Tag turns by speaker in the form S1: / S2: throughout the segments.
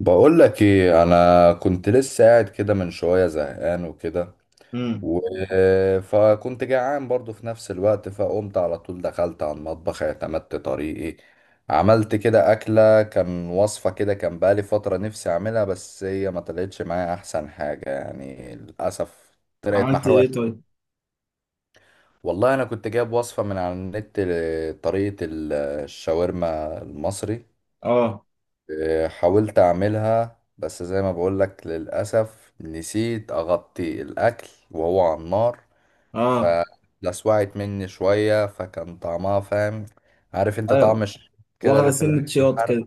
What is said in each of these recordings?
S1: بقول لك ايه؟ انا كنت لسه قاعد كده من شويه زهقان وكده.
S2: امم.
S1: و... فكنت جعان برضو في نفس الوقت، فقمت على طول دخلت على المطبخ، اعتمدت طريقي عملت كده اكله. كان وصفه كده، كان بقالي فتره نفسي اعملها، بس هي ما طلعتش معايا احسن حاجه يعني للاسف. طلعت
S2: عملت
S1: محروقه
S2: ايه
S1: شويه.
S2: طيب؟
S1: والله انا كنت جايب وصفه من على النت لطريقه الشاورما المصري.
S2: اه.
S1: حاولت اعملها بس زي ما بقولك للأسف نسيت اغطي الاكل وهو على النار،
S2: اه.
S1: فلسوعت مني شوية، فكان طعمها فاهم؟ عارف انت طعم
S2: ايوه،
S1: كده
S2: واخده
S1: اللي في
S2: سنة
S1: الاكل
S2: شياط كده.
S1: الحرق؟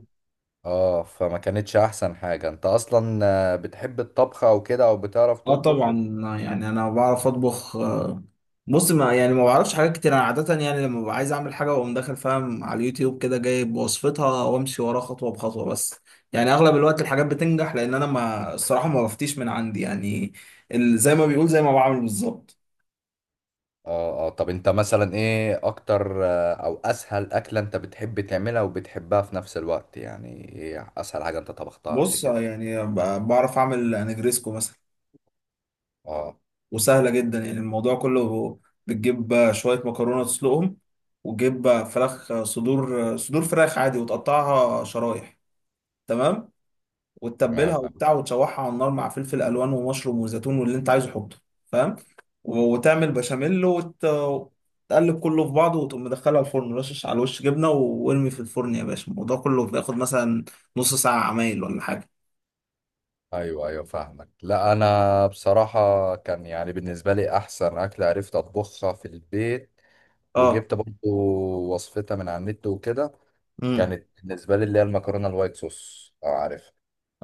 S1: اه، فما كانتش احسن حاجة. انت اصلا بتحب الطبخ او كده، او بتعرف
S2: اه
S1: تطبخ؟
S2: طبعا. يعني انا بعرف اطبخ. بص، ما يعني ما بعرفش حاجات كتير. انا عادة يعني لما ببقى عايز اعمل حاجة واقوم داخل، فاهم، على اليوتيوب كده جايب وصفتها وامشي وراها خطوة بخطوة بس. يعني اغلب الوقت الحاجات بتنجح لان انا ما الصراحة ما بفتيش من عندي يعني. زي ما بيقول، زي ما بعمل بالظبط.
S1: اه اه. طب انت مثلا ايه اكتر او اسهل اكلة انت بتحب تعملها وبتحبها في نفس الوقت؟ يعني ايه اسهل حاجة انت طبختها قبل
S2: بص،
S1: كده؟
S2: يعني بعرف اعمل نجريسكو مثلا،
S1: اه،
S2: وسهلة جدا يعني. الموضوع كله، بتجيب شوية مكرونة تسلقهم، وتجيب فراخ صدور صدور فراخ عادي وتقطعها شرايح، تمام، وتتبلها
S1: تمام.
S2: وبتاع وتشوحها على النار مع فلفل ألوان ومشروم وزيتون واللي أنت عايزه حطه، فاهم، وتعمل بشاميل وتقلب كله في بعضه وتقوم مدخلها الفرن، رشش على الوش جبنة وارمي في الفرن يا باشا. الموضوع كله بياخد مثلا نص ساعة عمايل ولا حاجة.
S1: ايوه ايوه فاهمك. لا انا بصراحه كان يعني بالنسبه لي احسن اكله عرفت اطبخها في البيت
S2: اه.
S1: وجبت برضو وصفتها من على النت وكده.
S2: امم.
S1: كانت بالنسبه لي اللي هي المكرونه الوايت صوص، لو عارف.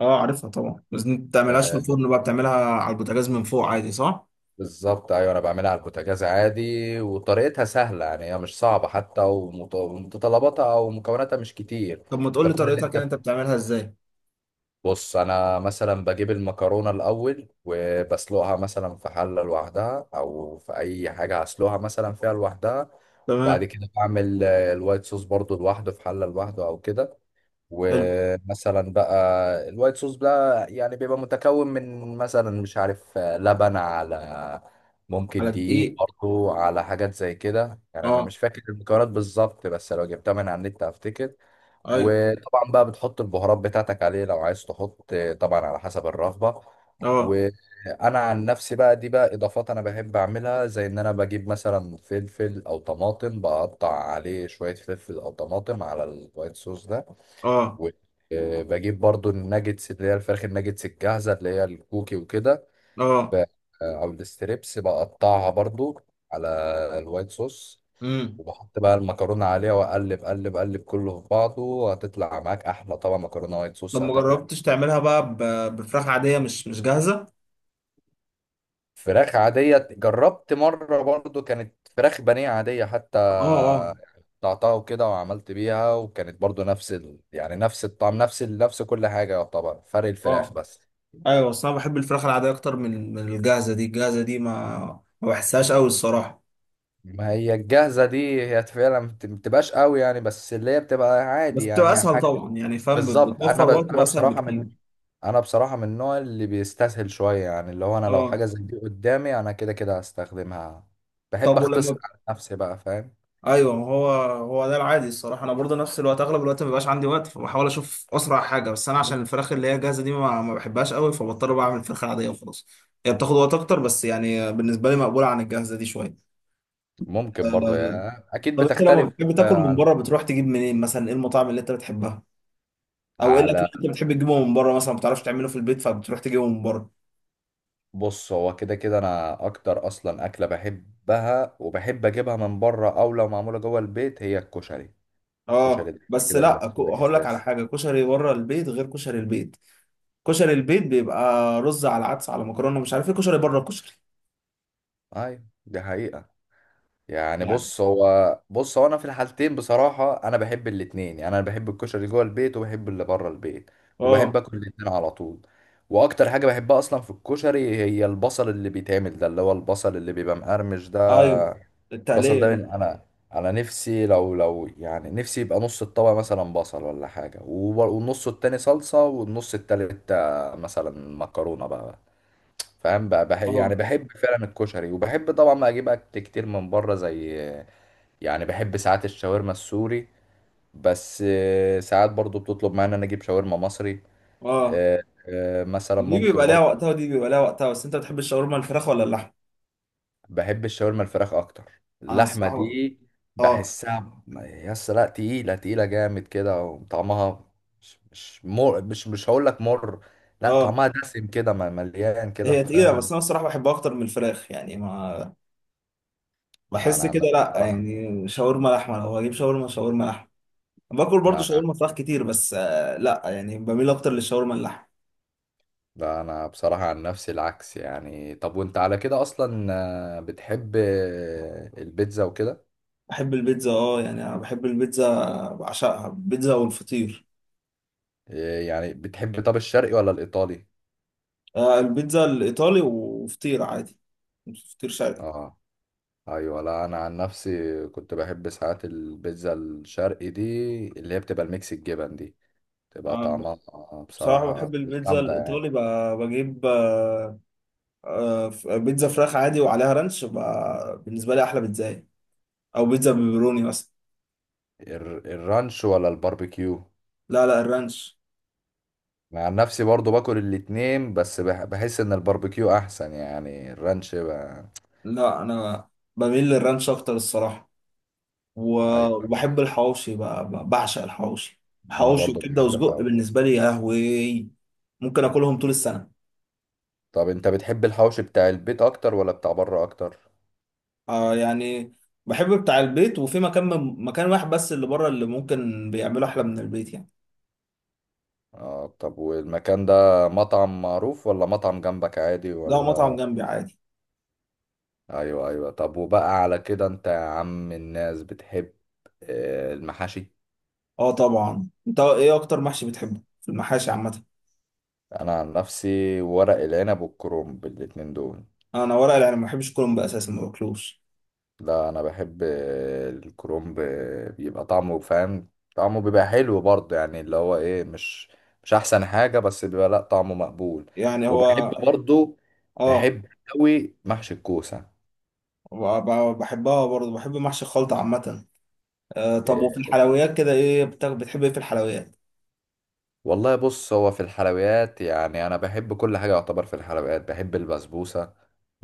S2: اه، عارفها طبعا. بس انت بتعملهاش في
S1: آه،
S2: الفرن، بقى بتعملها على البوتاجاز من فوق عادي، صح؟
S1: بالظبط. ايوه انا بعملها على البوتاجاز عادي، وطريقتها سهله يعني، هي مش صعبه حتى، ومتطلباتها او مكوناتها مش كتير.
S2: طب ما تقول
S1: ده
S2: لي
S1: كل اللي
S2: طريقتها كده، انت
S1: انت.
S2: بتعملها ازاي؟
S1: بص، انا مثلا بجيب المكرونه الاول وبسلقها مثلا في حله لوحدها، او في اي حاجه هسلقها مثلا فيها لوحدها. وبعد
S2: تمام.
S1: كده بعمل الوايت صوص برضو لوحده في حله لوحده او كده.
S2: حلو.
S1: ومثلا بقى الوايت صوص بقى يعني بيبقى متكون من مثلا مش عارف لبن، على ممكن
S2: على
S1: دقيق
S2: دقيق.
S1: برضو، على حاجات زي كده يعني. انا
S2: اه.
S1: مش فاكر المكونات بالظبط، بس لو جبتها من على النت هفتكر.
S2: ايوه.
S1: وطبعا بقى بتحط البهارات بتاعتك عليه لو عايز تحط، طبعا على حسب الرغبة.
S2: اه.
S1: وانا عن نفسي بقى دي بقى اضافات انا بحب اعملها، زي ان انا بجيب مثلا فلفل او طماطم بقطع عليه شوية فلفل او طماطم على الوايت صوص ده.
S2: اه.
S1: وبجيب برضو الناجتس اللي هي الفراخ الناجتس الجاهزة اللي هي الكوكي وكده.
S2: اه.
S1: ب- او الستريبس بقطعها برضو على الوايت صوص،
S2: امم.
S1: وبحط بقى المكرونة عليها وأقلب قلب قلب كله في بعضه، وهتطلع معاك أحلى طبعا مكرونة وايت
S2: طب
S1: صوص
S2: ما
S1: هتاكله.
S2: جربتش تعملها بقى بفراخ عادية مش مش جاهزة؟
S1: فراخ عادية جربت مرة برضو، كانت فراخ بانيه عادية حتى،
S2: اه. اه.
S1: قطعتها وكده وعملت بيها، وكانت برضو نفس يعني نفس الطعم، نفس نفس كل حاجة، يعتبر فرق الفراخ
S2: اه،
S1: بس.
S2: ايوه. بس انا بحب الفراخ العادية اكتر من الجاهزة دي. الجاهزة دي ما بحسهاش قوي الصراحة.
S1: ما هي الجاهزة دي هي فعلا ما بتبقاش قوي يعني، بس اللي هي بتبقى
S2: بس
S1: عادي
S2: بتبقى
S1: يعني
S2: اسهل
S1: حاجة.
S2: طبعا، يعني فاهم،
S1: بالظبط.
S2: بتوفر وقت واسهل بكتير.
S1: انا بصراحه من النوع اللي بيستسهل شويه يعني، اللي هو انا لو
S2: اه.
S1: حاجه زي دي قدامي انا كده كده هستخدمها. بحب
S2: طب
S1: اختصر
S2: ولما…
S1: على نفسي بقى فاهم.
S2: ايوه، ما هو ده العادي الصراحه. انا برضه نفس الوقت اغلب الوقت ما بيبقاش عندي وقت، فبحاول اشوف اسرع حاجه. بس انا عشان الفراخ اللي هي جاهزه دي ما بحبهاش قوي، فبضطر بعمل الفراخ العاديه وخلاص. هي بتاخد وقت اكتر، بس يعني بالنسبه لي مقبوله عن الجاهزه دي شويه.
S1: ممكن برضو
S2: أه،
S1: يعني، اكيد
S2: طب انت لما
S1: بتختلف.
S2: بتحب تاكل من
S1: على،
S2: بره، بتروح تجيب منين مثلا؟ ايه المطاعم اللي انت بتحبها، او ايه الاكل
S1: على
S2: اللي انت بتحب تجيبه من بره مثلا ما بتعرفش تعمله في البيت فبتروح تجيبه من بره؟
S1: بص هو كده كده انا اكتر اصلا اكله بحبها وبحب اجيبها من بره او لو معموله جوه البيت هي الكشري. الكشري
S2: اه
S1: ده
S2: بس
S1: كده
S2: لا،
S1: بالنسبه لي
S2: هقول لك على
S1: اساسي.
S2: حاجه: كشري بره البيت غير كشري البيت. كشري البيت بيبقى رز على عدس على مكرونه، مش عارف ايه. كشري بره الكشري
S1: ايوه دي حقيقه. يعني
S2: يعني.
S1: بص هو، بص هو انا في الحالتين بصراحه انا بحب الاتنين يعني، انا بحب الكشري اللي جوه البيت وبحب اللي بره البيت،
S2: اه.
S1: وبحب اكل الاتنين على طول. واكتر حاجه بحبها اصلا في الكشري هي البصل اللي بيتعمل ده، اللي هو البصل اللي بيبقى مقرمش ده.
S2: ايوه
S1: البصل
S2: التقليه
S1: ده
S2: دي.
S1: من انا، انا نفسي لو يعني نفسي يبقى نص الطبق مثلا بصل ولا حاجه، والنص التاني صلصه، والنص التالت مثلا مكرونه بقى. فاهم بقى، يعني
S2: اه.
S1: بحب فعلا الكشري، وبحب طبعا ما اجيب اكل كتير من بره، زي يعني بحب ساعات الشاورما السوري، بس ساعات برضو بتطلب معايا ان انا اجيب شاورما مصري.
S2: اه.
S1: آه، مثلا
S2: دي
S1: ممكن
S2: بيبقى ليها
S1: برضو.
S2: وقتها ودي بيبقى ليها وقتها. بس انت بتحب الشاورما الفراخ ولا اللحم؟
S1: بحب الشاورما الفراخ اكتر.
S2: انا
S1: اللحمه
S2: الصراحه…
S1: دي
S2: اه.
S1: بحسها، يس لا تقيله، تقيله جامد كده وطعمها مش مر، مش هقول لك مر، لا
S2: اه.
S1: طعمها دسم كده، مليان كده
S2: هي تقيله، بس
S1: فاهم.
S2: انا الصراحه بحبها اكتر من الفراخ. يعني ما بحس
S1: انا
S2: كده،
S1: لا
S2: لا،
S1: بصراحه
S2: يعني شاورما لحمه. لو هجيب شاورما، شاورما لحمه. باكل برضو
S1: لا،
S2: شاورما فراخ كتير، بس آه لا يعني بميل اكتر للشاورما اللحم.
S1: لا انا بصراحة عن نفسي العكس يعني. طب وانت على كده اصلا بتحب البيتزا وكده؟
S2: بحب البيتزا اه، يعني انا بحب البيتزا، بعشقها البيتزا والفطير.
S1: يعني بتحب طب الشرقي ولا الايطالي؟
S2: آه، البيتزا الايطالي وفطير عادي، فطير شرقي.
S1: اه ايوه. لا انا عن نفسي كنت بحب ساعات البيتزا الشرقي دي، اللي هي بتبقى الميكس الجبن دي، تبقى
S2: آه.
S1: طعمها
S2: بصراحة
S1: بصراحة
S2: بحب البيتزا
S1: جامدة يعني.
S2: الإيطالي بقى، بجيب بيتزا فراخ عادي وعليها رانش، بقى بالنسبة لي أحلى بيتزا يعني. أو بيتزا بيبروني مثلا.
S1: الرانش ولا الباربيكيو؟
S2: لا لا الرانش.
S1: مع نفسي برضو باكل الاتنين، بس بحس ان الباربيكيو احسن يعني، الرانش بقى.
S2: لا أنا بميل للرانش أكتر الصراحة.
S1: ايوه
S2: وبحب الحواوشي بقى، بعشق الحواوشي.
S1: انا
S2: حواوشي
S1: برضو
S2: وكبدة
S1: بحب
S2: وسجق
S1: الحوار.
S2: بالنسبة لي يا لهوي، ممكن آكلهم طول السنة.
S1: طب انت بتحب الحوش بتاع البيت اكتر ولا بتاع بره اكتر؟
S2: آه يعني بحب بتاع البيت، وفي مكان، مكان واحد بس اللي بره اللي ممكن بيعمله أحلى من البيت يعني.
S1: اه طب والمكان ده مطعم معروف ولا مطعم جنبك عادي
S2: ده مطعم
S1: ولا؟
S2: جنبي عادي.
S1: ايوه ايوه. طب وبقى على كده انت يا عم الناس بتحب المحاشي؟
S2: اه طبعا. انت ايه اكتر محشي بتحبه في المحاشي عامه؟
S1: انا عن نفسي ورق العنب والكرنب، الاتنين دول.
S2: انا ورق العنب. ما بحبش كرنب اساسا، ما باكلوش.
S1: لا انا بحب الكرومب، بيبقى طعمه فاهم، طعمه بيبقى حلو برضه يعني، اللي هو ايه مش مش احسن حاجة، بس بيبقى لا طعمه مقبول.
S2: يعني
S1: وبحب
S2: هو…
S1: برضه،
S2: اه
S1: بحب قوي محشي الكوسة.
S2: ب- بحبها برضه، بحب محشي الخلطه عامه. آه طب وفي
S1: إيه،
S2: الحلويات كده، ايه بتحب ايه في الحلويات؟
S1: والله بص هو في الحلويات يعني انا بحب كل حاجة يعتبر. في الحلويات بحب البسبوسة،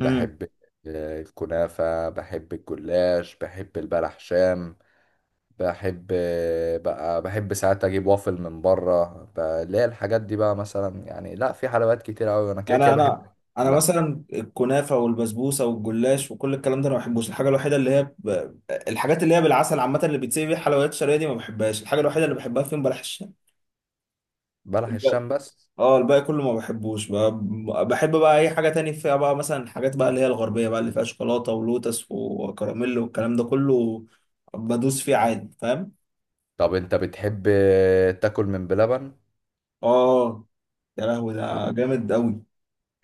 S2: امم.
S1: الكنافة، بحب الجلاش، بحب البلح شام، بحب بقى، بحب ساعات اجيب وافل من بره، اللي هي الحاجات دي بقى مثلا يعني. لا في حلويات كتير قوي انا كده
S2: انا
S1: كده بحب.
S2: انا انا
S1: لا،
S2: مثلا الكنافه والبسبوسه والجلاش وكل الكلام ده انا ما بحبوش. الحاجه الوحيده اللي هي الحاجات اللي هي بالعسل عامه اللي بيتسيب بيها الحلويات الشرقيه دي ما بحبهاش. الحاجه الوحيده اللي بحبها فيهم بلح الشام.
S1: بلح الشام بس.
S2: اه، الباقي كله ما بحبوش. بحب بقى اي حاجه تاني فيها، بقى مثلا الحاجات بقى اللي هي الغربيه بقى اللي فيها شوكولاته ولوتس وكراميل والكلام ده كله، بدوس فيه عادي فاهم.
S1: طب انت بتحب تاكل من بلبن؟
S2: اه، يا لهوي ده جامد قوي.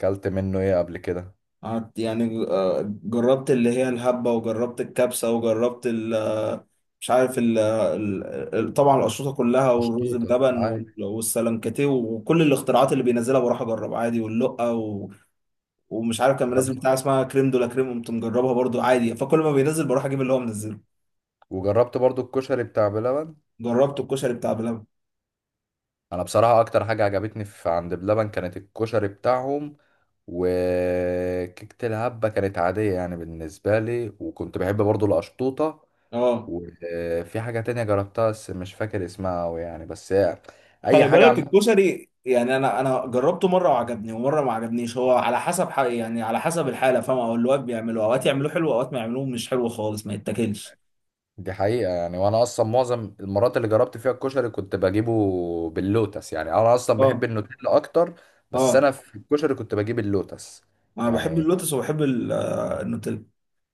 S1: اكلت منه ايه قبل كده؟
S2: قعدت، يعني جربت اللي هي الهبه، وجربت الكبسه، وجربت ال آه، مش عارف طبعا الاشرطه كلها، والرز
S1: مشطوطة
S2: بلبن،
S1: أي.
S2: والسلنكتيه، وكل الاختراعات اللي بينزلها بروح اجرب عادي واللقه. ومش عارف كان منزل
S1: جربت-
S2: بتاع اسمها كريم دولا كريم، قمت مجربها برضو عادي. فكل ما بينزل بروح اجيب اللي هو منزله.
S1: وجربت برضو الكشري بتاع بلبن.
S2: جربت الكشري بتاع بلبن.
S1: انا بصراحة اكتر حاجة عجبتني في عند بلبن كانت الكشري بتاعهم، وكيكة الهبة كانت عادية يعني بالنسبة لي، وكنت بحب برضو القشطوطة.
S2: اه.
S1: وفي حاجة تانية جربتها بس مش فاكر اسمها أوي يعني، بس هي أي
S2: خلي
S1: حاجة
S2: بالك
S1: عامة.
S2: الكشري، يعني انا جربته مره وعجبني ومره ما عجبنيش. هو على حسب حق يعني، على حسب الحاله فاهم، او اللي واقف بيعملوه، اوقات يعملوه حلو اوقات ما يعملوه مش حلو خالص ما يتاكلش.
S1: دي حقيقة يعني، وأنا أصلا معظم المرات اللي جربت فيها الكشري كنت بجيبه باللوتس، يعني أنا أصلا بحب
S2: اه.
S1: النوتيلا أكتر، بس
S2: اه.
S1: أنا في الكشري كنت بجيب اللوتس.
S2: انا بحب
S1: يعني
S2: اللوتس وبحب النوتيلا.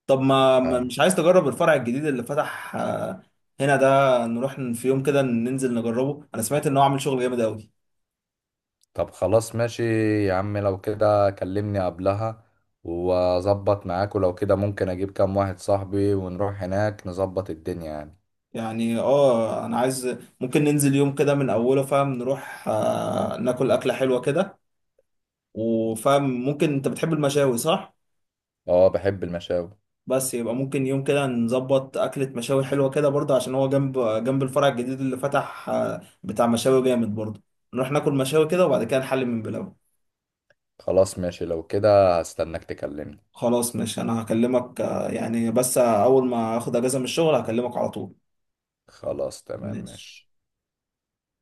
S2: طب
S1: آه،
S2: مش عايز تجرب الفرع الجديد اللي فتح هنا ده؟ نروح في يوم كده ننزل نجربه. انا سمعت ان هو عامل شغل جامد قوي.
S1: طب خلاص ماشي يا عم، لو كده كلمني قبلها وأظبط معاك، ولو كده ممكن أجيب كام واحد صاحبي ونروح هناك نظبط الدنيا يعني.
S2: يعني اه انا عايز، ممكن ننزل يوم كده من اوله فاهم، نروح ناكل اكله حلوه كده، وفاهم ممكن انت بتحب المشاوي صح؟
S1: أه بحب المشاوي.
S2: بس يبقى ممكن يوم كده نظبط اكله مشاوي حلوه كده برضه، عشان هو جنب جنب الفرع الجديد اللي فتح بتاع مشاوي جامد برضه، نروح ناكل مشاوي كده وبعد كده نحل من بلاوي.
S1: خلاص ماشي، لو كده هستناك تكلمني.
S2: خلاص ماشي، انا هكلمك يعني بس اول ما اخد اجازه من الشغل هكلمك على طول.
S1: خلاص تمام
S2: ماشي.
S1: ماشي.